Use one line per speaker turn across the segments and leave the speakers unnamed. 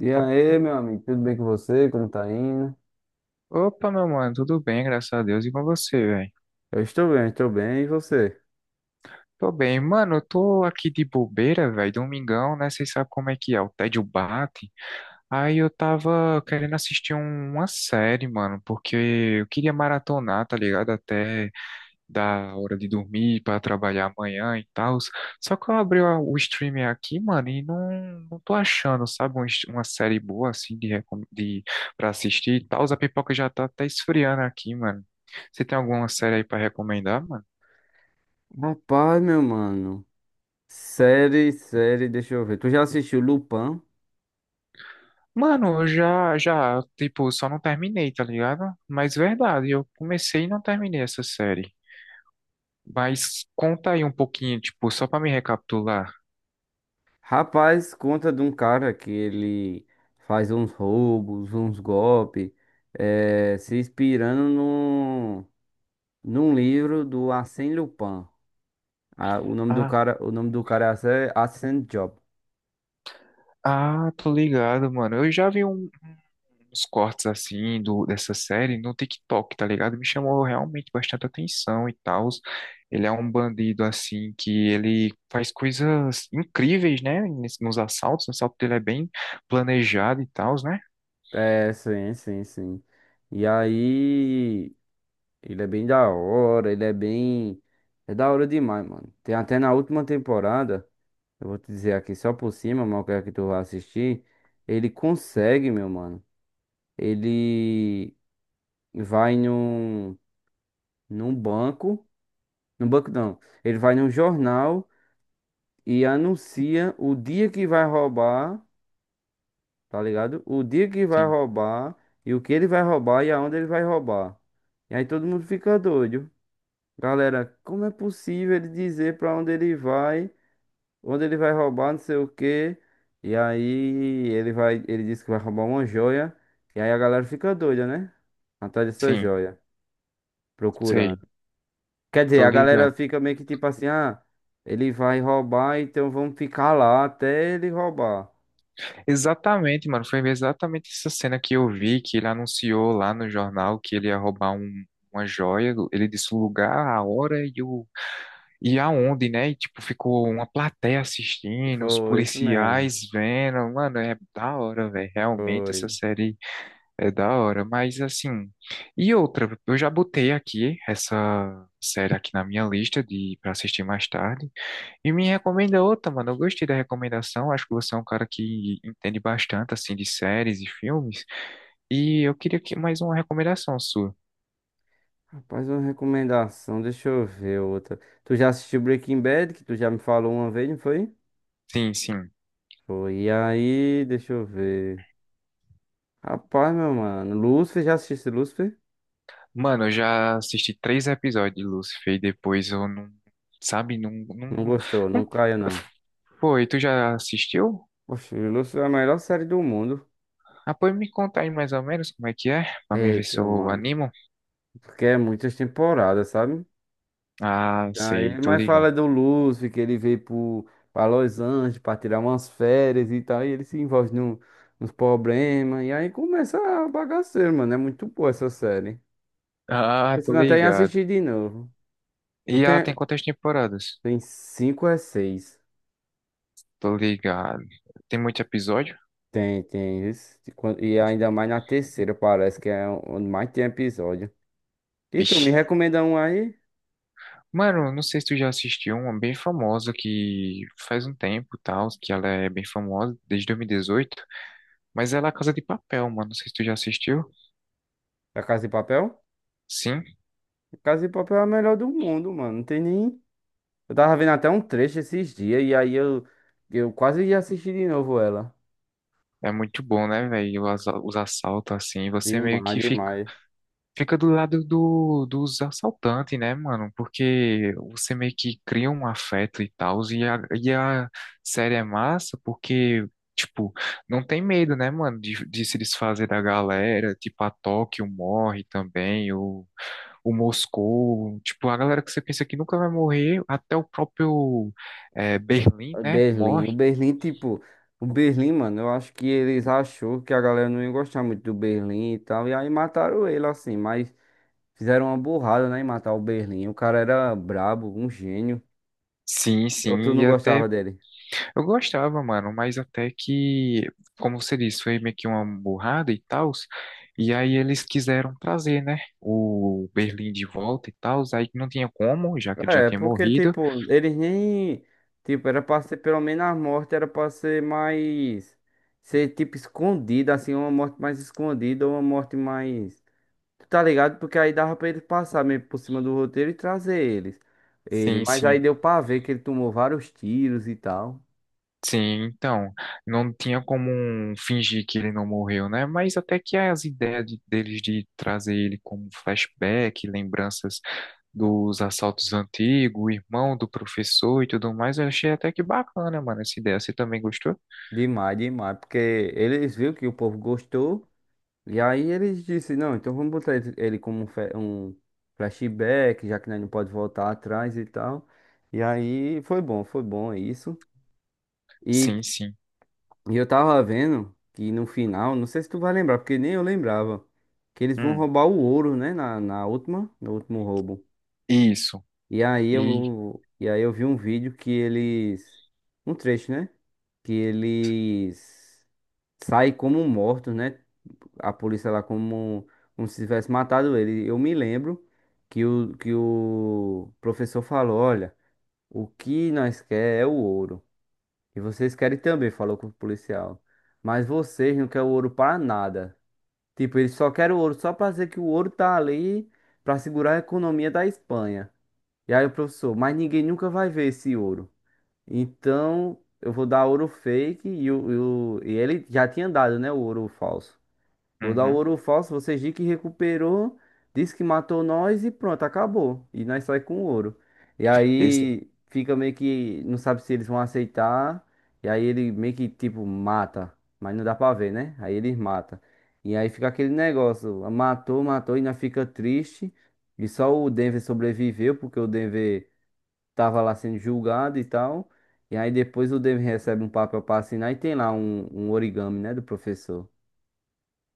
E aí, meu amigo, tudo bem com você? Como tá indo?
Opa, meu mano, tudo bem, graças a Deus. E com você, velho?
Eu estou bem, estou bem. E você?
Tô bem. Mano, eu tô aqui de bobeira, velho, domingão, né? Vocês sabem como é que é, o tédio bate. Aí eu tava querendo assistir uma série, mano, porque eu queria maratonar, tá ligado? Até da hora de dormir para trabalhar amanhã e tal. Só que eu abri o streamer aqui, mano, e não tô achando, sabe, uma série boa assim de para assistir e tal. A pipoca já tá até esfriando aqui, mano. Você tem alguma série aí para recomendar, mano?
Rapaz, meu mano. Série, deixa eu ver. Tu já assistiu Lupin?
Mano, eu já, tipo, só não terminei, tá ligado? Mas verdade, eu comecei e não terminei essa série. Mas conta aí um pouquinho, tipo, só pra me recapitular.
Rapaz, conta de um cara que ele faz uns roubos, uns golpes, se inspirando num livro do Arsène Lupin. Ah, o nome do
Ah,
cara, o nome do cara é Arsène Job.
ah, tô ligado, mano. Eu já vi uns cortes assim dessa série no TikTok, tá ligado? Me chamou realmente bastante atenção e tal. Ele é um bandido assim que ele faz coisas incríveis, né? Nos assaltos, o assalto dele é bem planejado e tal, né?
É, sim, sim, sim. E aí. Ele é bem da hora, ele é bem. É da hora demais, mano. Tem até na última temporada, eu vou te dizer aqui só por cima, mas eu quero que tu vá assistir. Ele consegue, meu mano. Ele vai num, num banco. Num banco não. Ele vai num jornal e anuncia o dia que vai roubar, tá ligado? O dia que vai
Sim,
roubar e o que ele vai roubar e aonde ele vai roubar. E aí todo mundo fica doido. Galera, como é possível ele dizer pra onde ele vai roubar, não sei o quê. E aí ele vai, ele diz que vai roubar uma joia. E aí a galera fica doida, né? Atrás dessa
sim,
joia, procurando.
sei.
Quer dizer,
Tô
a galera
ligado.
fica meio que tipo assim, ah, ele vai roubar, então vamos ficar lá até ele roubar.
Exatamente, mano. Foi exatamente essa cena que eu vi, que ele anunciou lá no jornal que ele ia roubar uma joia. Ele disse o lugar, a hora e aonde, né? E, tipo, ficou uma plateia assistindo, os
Foi isso mesmo.
policiais vendo. Mano, é da hora, velho. Realmente,
Foi.
essa série é da hora. Mas, assim. E outra, eu já botei aqui essa série aqui na minha lista de para assistir mais tarde. E me recomenda outra, mano. Eu gostei da recomendação. Acho que você é um cara que entende bastante, assim, de séries e filmes. E eu queria que mais uma recomendação sua.
Rapaz, uma recomendação, deixa eu ver outra. Tu já assistiu Breaking Bad, que tu já me falou uma vez, não foi?
Sim, sim.
Foi. E aí, deixa eu ver. Rapaz, meu mano. Lúcifer, já assistiu Lúcifer?
Mano, eu já assisti três episódios de Lucifer e depois eu não, sabe, não,
Não
não,
gostou, não
não...
caia não.
Foi, tu já assistiu?
Oxe, Lúcifer é a melhor série do mundo.
Ah, pode me contar aí mais ou menos como é que é, pra mim ver se
Eita,
eu
mano.
animo.
Porque é muitas temporadas, sabe?
Ah, sei,
Aí,
tô
mas fala
ligado.
do Lúcifer, que ele pra Los Angeles pra tirar umas férias e tal. E ele se envolve num, nos problemas. E aí começa a bagaceira, mano. É muito boa essa série. Tô
Ah, tô
pensando até em
ligado.
assistir de novo. Tu
E ela tem
tem.
quantas temporadas?
Tem cinco a seis.
Tô ligado. Tem muito episódio?
Tem, tem. Isso. E ainda mais na terceira, parece que é onde mais tem episódio. E tu me
Vixe.
recomenda um aí?
Mano, não sei se tu já assistiu uma bem famosa que faz um tempo, e tal, que ela é bem famosa desde 2018, mas ela é a Casa de Papel, mano. Não sei se tu já assistiu.
Da Casa de Papel?
Sim.
Casa de Papel é a melhor do mundo, mano. Não tem nem. Eu tava vendo até um trecho esses dias e aí eu quase ia assistir de novo ela.
É muito bom, né, velho? Os assaltos, assim, você meio
Demais,
que fica,
demais.
fica do lado dos assaltantes, né, mano? Porque você meio que cria um afeto e tal, e a série é massa porque, tipo, não tem medo, né, mano, de se desfazer da galera, tipo, a Tóquio morre também, o Moscou, tipo, a galera que você pensa que nunca vai morrer, até o próprio Berlim, né,
Berlim.
morre.
O Berlim, tipo. O Berlim, mano, eu acho que eles achou que a galera não ia gostar muito do Berlim e tal. E aí mataram ele, assim. Mas fizeram uma burrada, né, em matar o Berlim. O cara era brabo, um gênio.
Sim,
Ou tu
sim,
não
e
gostava
até
dele?
Eu gostava, mano, mas até que, como você disse, foi meio que uma burrada e tal. E aí eles quiseram trazer, né, o Berlim de volta e tal. Aí não tinha como, já que ele já
É,
tinha
porque,
morrido.
tipo, eles nem. Tipo, era pra ser pelo menos a morte, era pra ser mais. Ser, tipo, escondida, assim, uma morte mais escondida, ou uma morte mais. Tu tá ligado? Porque aí dava pra ele passar meio por cima do roteiro e trazer eles. Ele.
Sim,
Mas aí
sim.
deu pra ver que ele tomou vários tiros e tal.
Sim, então, não tinha como um fingir que ele não morreu, né? Mas até que as ideias deles de trazer ele como flashback, lembranças dos assaltos antigos, o irmão do professor e tudo mais, eu achei até que bacana, mano, essa ideia. Você também gostou?
Demais, demais. Porque eles viram que o povo gostou. E aí eles disse, não, então vamos botar ele como um flashback, já que nós não pode voltar atrás e tal. E aí foi bom isso. E,
Sim, sim.
e eu tava vendo que no final, não sei se tu vai lembrar, porque nem eu lembrava, que eles vão
Hum.
roubar o ouro, né, na última, no último roubo.
Isso.
E aí
E
eu vi um vídeo que um trecho, né, que eles sai como mortos, né? A polícia lá como, como se tivesse matado ele. Eu me lembro que que o professor falou, olha, o que nós quer é o ouro. E vocês querem também, falou com o policial. Mas vocês não querem o ouro para nada. Tipo, eles só querem o ouro só para dizer que o ouro tá ali para segurar a economia da Espanha. E aí o professor, mas ninguém nunca vai ver esse ouro. Então, eu vou dar ouro fake e ele já tinha dado, né, o ouro falso. Vou dar o
uhum.
ouro falso, vocês dizem que recuperou, diz que matou nós e pronto, acabou. E nós sai com o ouro. E
Esse.
aí fica meio que não sabe se eles vão aceitar. E aí ele meio que tipo mata, mas não dá pra ver, né? Aí eles mata. E aí fica aquele negócio, matou, matou e nós fica triste. E só o Denver sobreviveu porque o Denver tava lá sendo julgado e tal. E aí depois o Denver recebe um papel pra assinar e tem lá um origami, né, do professor.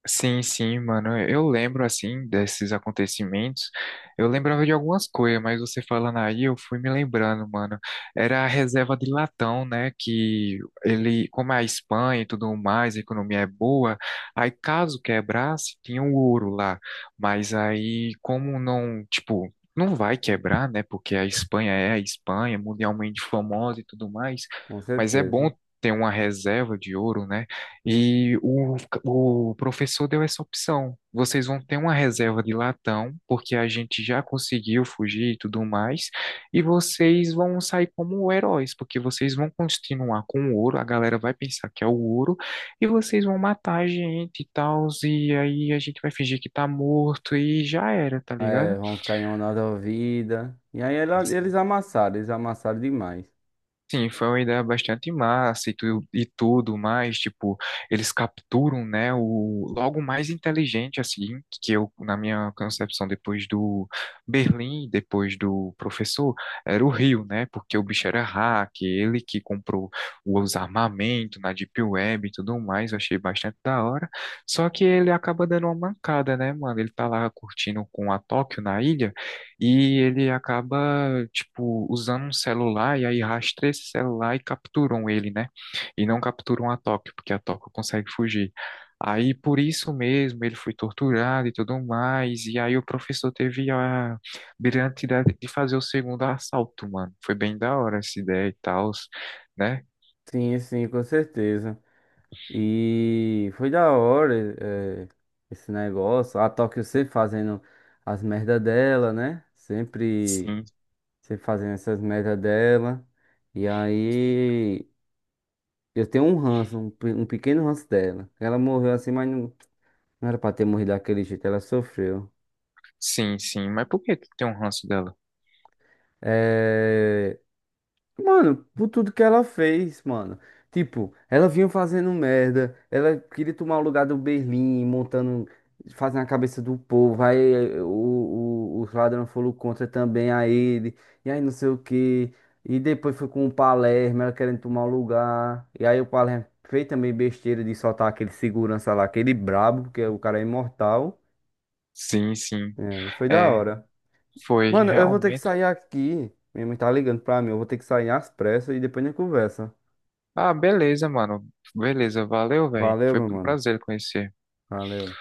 Sim, sim, mano. Eu lembro, assim, desses acontecimentos. Eu lembrava de algumas coisas, mas você falando aí, eu fui me lembrando, mano. Era a reserva de latão, né? Que ele, como é a Espanha e tudo mais, a economia é boa. Aí, caso quebrasse, tinha o ouro lá. Mas aí, como não, tipo. Não vai quebrar, né? Porque a Espanha é a Espanha, mundialmente famosa e tudo mais.
Com
Mas é
certeza.
bom ter uma reserva de ouro, né? E o professor deu essa opção. Vocês vão ter uma reserva de latão, porque a gente já conseguiu fugir e tudo mais, e vocês vão sair como heróis, porque vocês vão continuar com o ouro, a galera vai pensar que é o ouro, e vocês vão matar a gente e tal, e aí a gente vai fingir que tá morto e já era, tá ligado?
É, vão ficar em honra da vida. E aí ela- eles amassaram demais.
Sim, foi uma ideia bastante massa e tudo mais, tipo, eles capturam, né, o logo mais inteligente, assim, que eu, na minha concepção, depois do Berlim, depois do professor, era o Rio, né, porque o bicho era hack, ele que comprou os armamentos na Deep Web e tudo mais, eu achei bastante da hora, só que ele acaba dando uma mancada, né, mano, ele tá lá curtindo com a Tóquio na ilha, e ele acaba, tipo, usando um celular e aí rastreia esse celular e capturam ele, né? E não capturam a Tóquio, porque a Tóquio consegue fugir. Aí por isso mesmo ele foi torturado e tudo mais. E aí o professor teve a brilhante ideia de fazer o segundo assalto, mano. Foi bem da hora essa ideia e tal, né?
Sim, sim, com certeza. E foi da hora, é, esse negócio. A Tóquio sempre fazendo as merda dela, né? Sempre,
Sim,
sempre fazendo essas merda dela. E aí eu tenho um ranço, um pequeno ranço dela. Ela morreu assim, mas não, não era pra ter morrido daquele jeito, ela sofreu.
sim, sim. Mas por que tu tem um ranço dela?
É, Mano, por tudo que ela fez, mano. Tipo, ela vinha fazendo merda, ela queria tomar o lugar do Berlim, montando, fazendo a cabeça do povo. Aí eh, o, os ladrões foram contra também a ele, e aí não sei o quê. E depois foi com o Palermo, ela querendo tomar o lugar. E aí o Palermo fez também besteira de soltar aquele segurança lá, aquele brabo, porque o cara é imortal.
Sim, sim.
É, e foi da
É,
hora.
foi
Mano, eu vou ter que
realmente.
sair aqui. Minha mãe tá ligando pra mim, eu vou ter que sair às pressas e depois a gente conversa.
Ah, beleza, mano. Beleza, valeu, velho.
Valeu,
Foi
meu
um
mano.
prazer conhecer.
Valeu.